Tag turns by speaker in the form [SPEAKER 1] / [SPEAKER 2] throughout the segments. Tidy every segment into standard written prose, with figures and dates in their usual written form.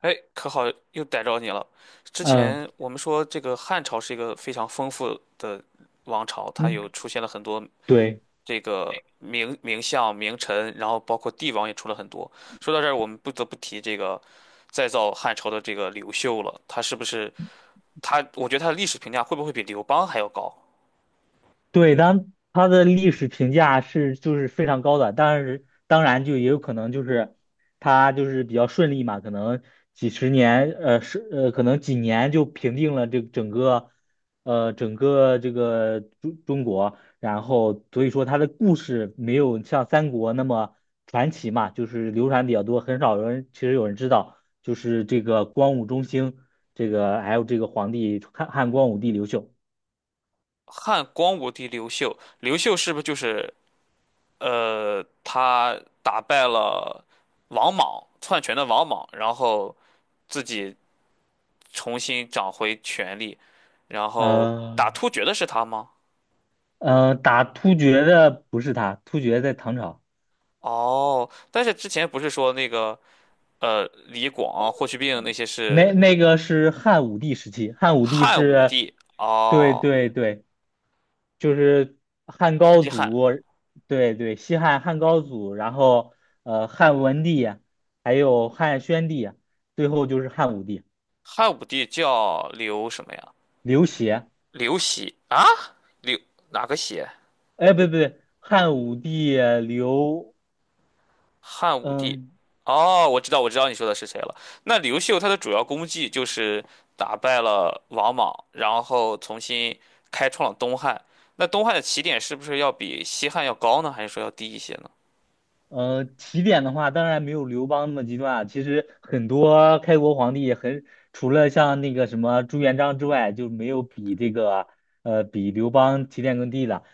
[SPEAKER 1] 哎，可好，又逮着你了。之
[SPEAKER 2] 嗯
[SPEAKER 1] 前我们说这个汉朝是一个非常丰富的王朝，它
[SPEAKER 2] 嗯，
[SPEAKER 1] 有出现了很多
[SPEAKER 2] 对
[SPEAKER 1] 这个名相、名臣，然后包括帝王也出了很多。说到这儿，我们不得不提这个再造汉朝的这个刘秀了，他是不是他？我觉得他的历史评价会不会比刘邦还要高？
[SPEAKER 2] 对，当它的历史评价就是非常高的，但是当然就也有可能就是它就是比较顺利嘛，可能几十年，呃是呃可能几年就平定了这整个，整个这个中国，然后所以说它的故事没有像三国那么传奇嘛，就是流传比较多，很少有人其实有人知道，就是这个光武中兴这个还有这个皇帝汉光武帝刘秀。
[SPEAKER 1] 汉光武帝刘秀，刘秀是不是就是他打败了王莽篡权的王莽，然后自己重新掌回权力，然后
[SPEAKER 2] 呃
[SPEAKER 1] 打突厥的是他吗？
[SPEAKER 2] 打突厥的不是他，突厥在唐朝，
[SPEAKER 1] 哦，但是之前不是说那个李广啊、霍去病那些
[SPEAKER 2] 那
[SPEAKER 1] 是
[SPEAKER 2] 那个是汉武帝时期，汉武帝
[SPEAKER 1] 汉武
[SPEAKER 2] 是，
[SPEAKER 1] 帝
[SPEAKER 2] 对
[SPEAKER 1] 哦，
[SPEAKER 2] 对对，就是汉高
[SPEAKER 1] 西汉
[SPEAKER 2] 祖，对对，西汉汉高祖，然后汉文帝，还有汉宣帝，最后就是汉武帝
[SPEAKER 1] 汉武帝叫刘什么呀？
[SPEAKER 2] 刘协。
[SPEAKER 1] 刘喜啊？刘哪个喜？
[SPEAKER 2] 哎，不对不对，汉武帝刘，
[SPEAKER 1] 汉武帝，
[SPEAKER 2] 嗯。
[SPEAKER 1] 哦，我知道，我知道你说的是谁了。那刘秀他的主要功绩就是打败了王莽，然后重新开创了东汉。那东汉的起点是不是要比西汉要高呢？还是说要低一些呢？
[SPEAKER 2] 起点的话，当然没有刘邦那么极端啊。其实很多开国皇帝很，除了像那个什么朱元璋之外，就没有比这个呃比刘邦起点更低的。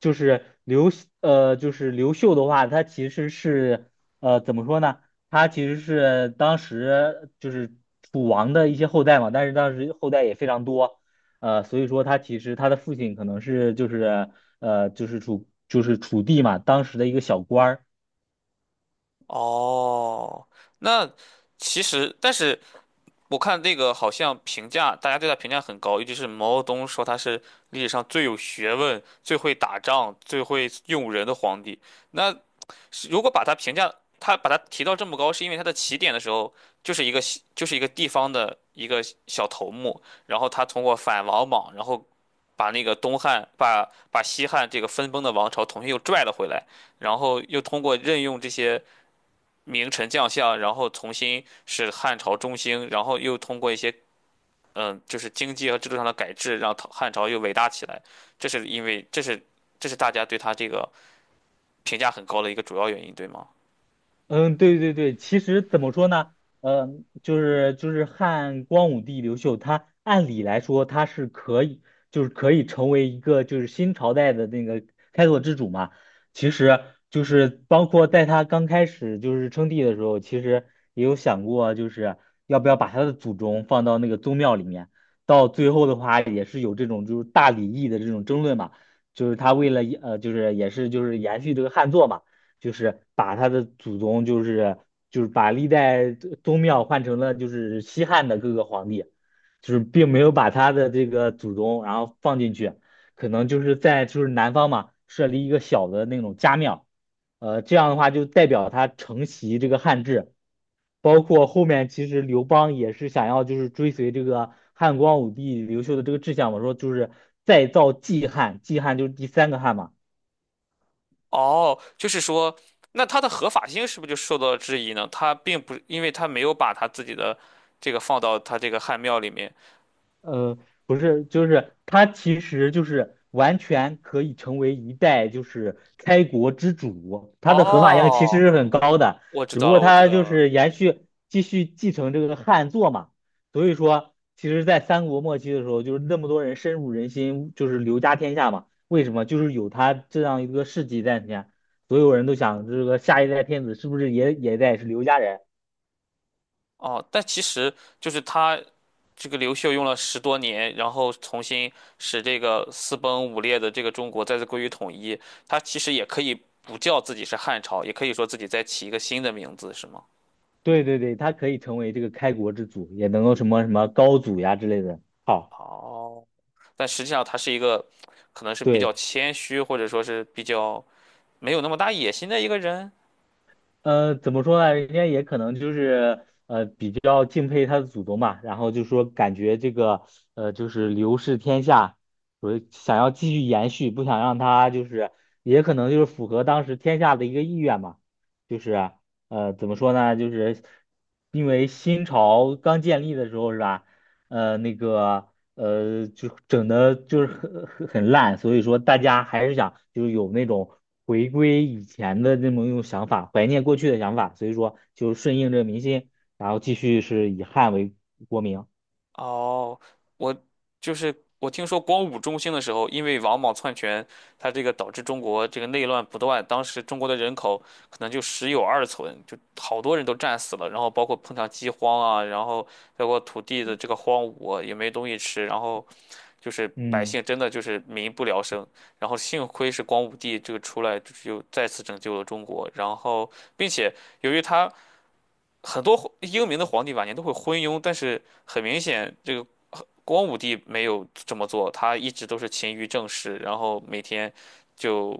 [SPEAKER 2] 就是刘呃就是刘秀的话，他其实是，怎么说呢？他其实是当时就是楚王的一些后代嘛，但是当时后代也非常多，所以说他其实他的父亲可能是就是呃就是楚就是楚地嘛，当时的一个小官儿。
[SPEAKER 1] 哦，那其实，但是我看那个好像评价，大家对他评价很高，尤其是毛泽东说他是历史上最有学问、最会打仗、最会用人的皇帝。那是如果把它评价，它把它提到这么高，是因为它的起点的时候就是一个地方的一个小头目，然后他通过反王莽，然后把那个东汉把把西汉这个分崩的王朝重新又拽了回来，然后又通过任用这些名臣将相，然后重新使汉朝中兴，然后又通过一些就是经济和制度上的改制，让唐汉朝又伟大起来。这是因为这是这是大家对他这个评价很高的一个主要原因，对吗？
[SPEAKER 2] 嗯，对对对，其实怎么说呢？嗯，就是汉光武帝刘秀，他按理来说他是可以，就是可以成为一个就是新朝代的那个开拓之主嘛。其实就是包括在他刚开始就是称帝的时候，其实也有想过就是要不要把他的祖宗放到那个宗庙里面。到最后的话，也是有这种就是大礼义的这种争论嘛，就是他为了就是也是就是延续这个汉作嘛。就是把他的祖宗，就是把历代宗庙换成了就是西汉的各个皇帝，就是并没有把他的这个祖宗然后放进去，可能就是在就是南方嘛设立一个小的那种家庙，这样的话就代表他承袭这个汉制，包括后面其实刘邦也是想要就是追随这个汉光武帝刘秀的这个志向嘛，说就是再造季汉，季汉就是第三个汉嘛。
[SPEAKER 1] 哦，就是说，那它的合法性是不是就受到了质疑呢？他并不，因为他没有把他自己的这个放到他这个汉庙里面。
[SPEAKER 2] 呃，不是，就是他其实就是完全可以成为一代就是开国之主，他的合法性其实
[SPEAKER 1] 哦，
[SPEAKER 2] 是很高的，
[SPEAKER 1] 我知
[SPEAKER 2] 只不
[SPEAKER 1] 道
[SPEAKER 2] 过
[SPEAKER 1] 了，我知
[SPEAKER 2] 他
[SPEAKER 1] 道
[SPEAKER 2] 就
[SPEAKER 1] 了。
[SPEAKER 2] 是延续继续继承这个汉作嘛，所以说其实，在三国末期的时候，就是那么多人深入人心，就是刘家天下嘛，为什么？就是有他这样一个事迹在前，所有人都想这个下一代天子是不是也得是刘家人，
[SPEAKER 1] 哦，但其实就是他这个刘秀用了十多年，然后重新使这个四崩五裂的这个中国再次归于统一。他其实也可以不叫自己是汉朝，也可以说自己再起一个新的名字，是吗？
[SPEAKER 2] 对对对，他可以成为这个开国之祖，也能够什么什么高祖呀之类的。好，
[SPEAKER 1] 哦，但实际上他是一个，可能是比较
[SPEAKER 2] 对，
[SPEAKER 1] 谦虚，或者说是比较没有那么大野心的一个人。
[SPEAKER 2] 怎么说呢？人家也可能就是比较敬佩他的祖宗嘛，然后就说感觉这个就是刘氏天下，所以想要继续延续，不想让他就是也可能就是符合当时天下的一个意愿嘛，就是啊怎么说呢？就是因为新朝刚建立的时候是吧？呃，那个就整的就是很烂，所以说大家还是想就是有那种回归以前的那么一种想法，怀念过去的想法，所以说就顺应这个民心，然后继续是以汉为国名。
[SPEAKER 1] 哦，我就是我听说光武中兴的时候，因为王莽篡权，他这个导致中国这个内乱不断，当时中国的人口可能就十有二存，就好多人都战死了，然后包括碰上饥荒啊，然后包括土地的这个荒芜也没东西吃，然后就是百
[SPEAKER 2] 嗯，
[SPEAKER 1] 姓真的就是民不聊生，然后幸亏是光武帝这个出来，就是又再次拯救了中国，然后并且由于他。很多英明的皇帝晚年都会昏庸，但是很明显，这个光武帝没有这么做，他一直都是勤于政事，然后每天就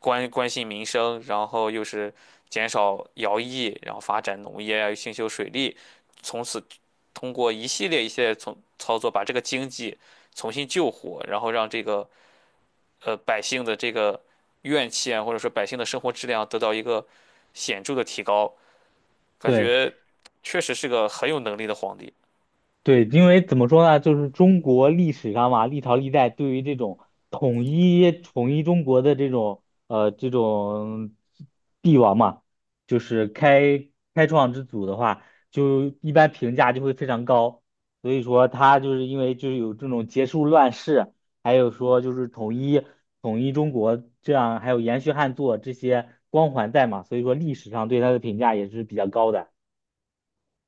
[SPEAKER 1] 关心民生，然后又是减少徭役，然后发展农业啊，又兴修水利，从此通过一系列从操作，把这个经济重新救活，然后让这个百姓的这个怨气啊，或者说百姓的生活质量得到一个显著的提高。感
[SPEAKER 2] 对。
[SPEAKER 1] 觉确实是个很有能力的皇帝
[SPEAKER 2] 对，因为怎么说呢，就是中国历史上嘛，历朝历代对于这种统一中国的这种这种帝王嘛，就是开创之祖的话，就一般评价就会非常高。所以说他就是因为就是有这种结束乱世，还有说就是统一中国这样，还有延续汉祚这些光环在嘛，所以说历史上对他的评价也是比较高的。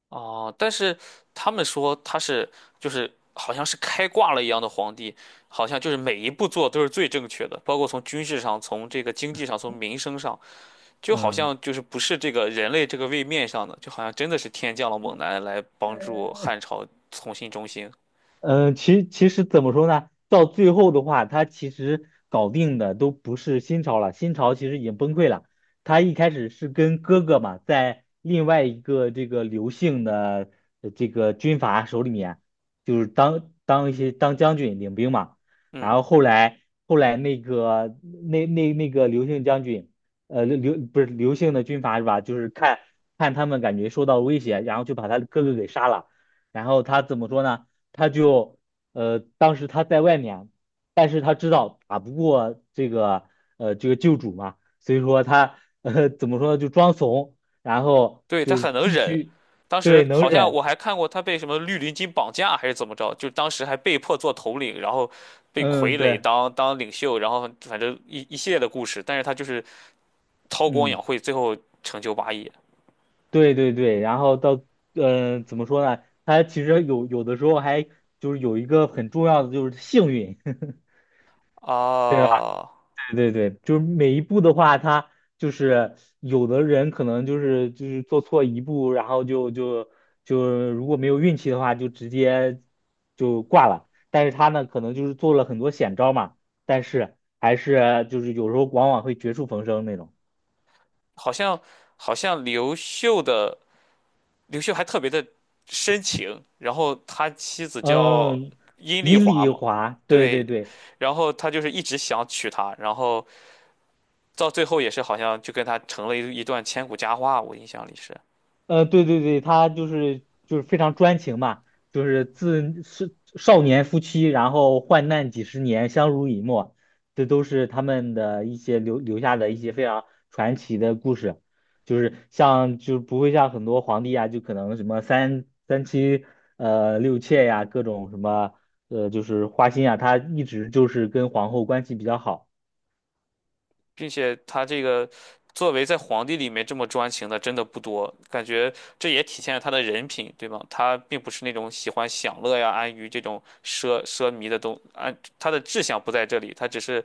[SPEAKER 1] 哦。但是他们说他是就是好像是开挂了一样的皇帝，好像就是每一步做都是最正确的，包括从军事上、从这个经济上、从民生上，就好
[SPEAKER 2] 嗯。
[SPEAKER 1] 像就是不是这个人类这个位面上的，就好像真的是天降了猛男来帮助汉朝重新中兴。
[SPEAKER 2] 嗯，其实怎么说呢？到最后的话，他其实搞定的都不是新朝了，新朝其实已经崩溃了。他一开始是跟哥哥嘛，在另外一个这个刘姓的这个军阀手里面，就是当当一些当将军领兵嘛。然
[SPEAKER 1] 嗯。
[SPEAKER 2] 后后来那个那个刘姓将军，呃刘刘不是刘姓的军阀是吧？就是看看他们感觉受到威胁，然后就把他哥哥给杀了。然后他怎么说呢？他就当时他在外面，但是他知道打不过这个这个救主嘛，所以说他怎么说呢，就装怂，然后
[SPEAKER 1] 对，他
[SPEAKER 2] 就是
[SPEAKER 1] 很能
[SPEAKER 2] 继
[SPEAKER 1] 忍。
[SPEAKER 2] 续
[SPEAKER 1] 当
[SPEAKER 2] 对
[SPEAKER 1] 时
[SPEAKER 2] 能
[SPEAKER 1] 好像我
[SPEAKER 2] 忍，
[SPEAKER 1] 还看过他被什么绿林军绑架还是怎么着，就当时还被迫做头领，然后被
[SPEAKER 2] 嗯
[SPEAKER 1] 傀儡
[SPEAKER 2] 对，
[SPEAKER 1] 当领袖，然后反正一系列的故事。但是他就是韬光
[SPEAKER 2] 嗯
[SPEAKER 1] 养晦，最后成就霸业
[SPEAKER 2] 对对对，然后到怎么说呢，他其实有的时候还就是有一个很重要的就是幸运，对吧？
[SPEAKER 1] 啊！
[SPEAKER 2] 对对对，就是每一步的话，他就是有的人可能就是就是做错一步，然后就就就如果没有运气的话，就直接就挂了。但是他呢，可能就是做了很多险招嘛，但是还是就是有时候往往会绝处逢生那种。
[SPEAKER 1] 好像好像刘秀还特别的深情，然后他妻子叫
[SPEAKER 2] 嗯，
[SPEAKER 1] 阴丽
[SPEAKER 2] 阴里
[SPEAKER 1] 华
[SPEAKER 2] 一
[SPEAKER 1] 嘛，
[SPEAKER 2] 滑，对
[SPEAKER 1] 对，
[SPEAKER 2] 对对。
[SPEAKER 1] 然后他就是一直想娶她，然后到最后也是好像就跟他成了一段千古佳话，我印象里是，
[SPEAKER 2] 对对对，他就是就是非常专情嘛，就是自是少年夫妻，然后患难几十年，相濡以沫，这都是他们的一些留下的一些非常传奇的故事，就是像就不会像很多皇帝啊，就可能什么三妻六妾呀、各种什么就是花心啊，他一直就是跟皇后关系比较好，
[SPEAKER 1] 并且他这个作为在皇帝里面这么专情的真的不多，感觉这也体现了他的人品，对吗？他并不是那种喜欢享乐呀、安于这种奢靡的东，安他的志向不在这里，他只是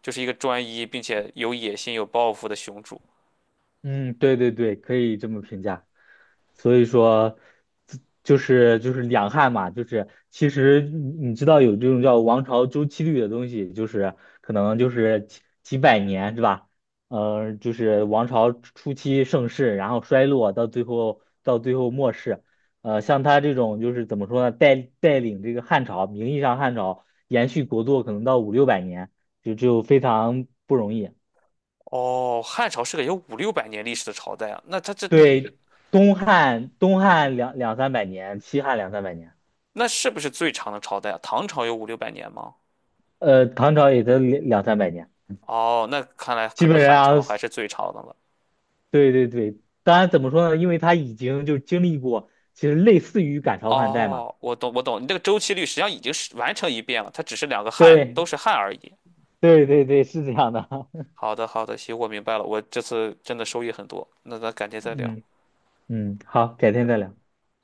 [SPEAKER 1] 就是一个专一并且有野心、有抱负的雄主。
[SPEAKER 2] 嗯，对对对，可以这么评价。所以说，自就是就是两汉嘛，就是其实你知道有这种叫王朝周期律的东西，就是可能就是几百年是吧？就是王朝初期盛世，然后衰落，到最后末世。像他这种就是怎么说呢，带领这个汉朝，名义上汉朝延续国祚可能到五六百年，就非常不容易。
[SPEAKER 1] 哦，汉朝是个有五六百年历史的朝代啊，那他这
[SPEAKER 2] 对，东汉两三百年，西汉两三百年。
[SPEAKER 1] 那是不是最长的朝代啊？唐朝有五六百年吗？
[SPEAKER 2] 唐朝也得两三百年，
[SPEAKER 1] 哦，那看来可
[SPEAKER 2] 基
[SPEAKER 1] 能
[SPEAKER 2] 本
[SPEAKER 1] 汉
[SPEAKER 2] 上，
[SPEAKER 1] 朝还是最长的了。
[SPEAKER 2] 对对对。当然，怎么说呢？因为他已经就经历过，其实类似于赶潮换代嘛。
[SPEAKER 1] 哦，我懂，我懂，你这个周期率实际上已经是完成一遍了，它只是两个汉都
[SPEAKER 2] 对
[SPEAKER 1] 是汉而已。
[SPEAKER 2] 对对对，是这样的。
[SPEAKER 1] 好的，好的，行，我明白了，我这次真的收益很多。那咱改天再聊。
[SPEAKER 2] 嗯嗯，好，改天再聊。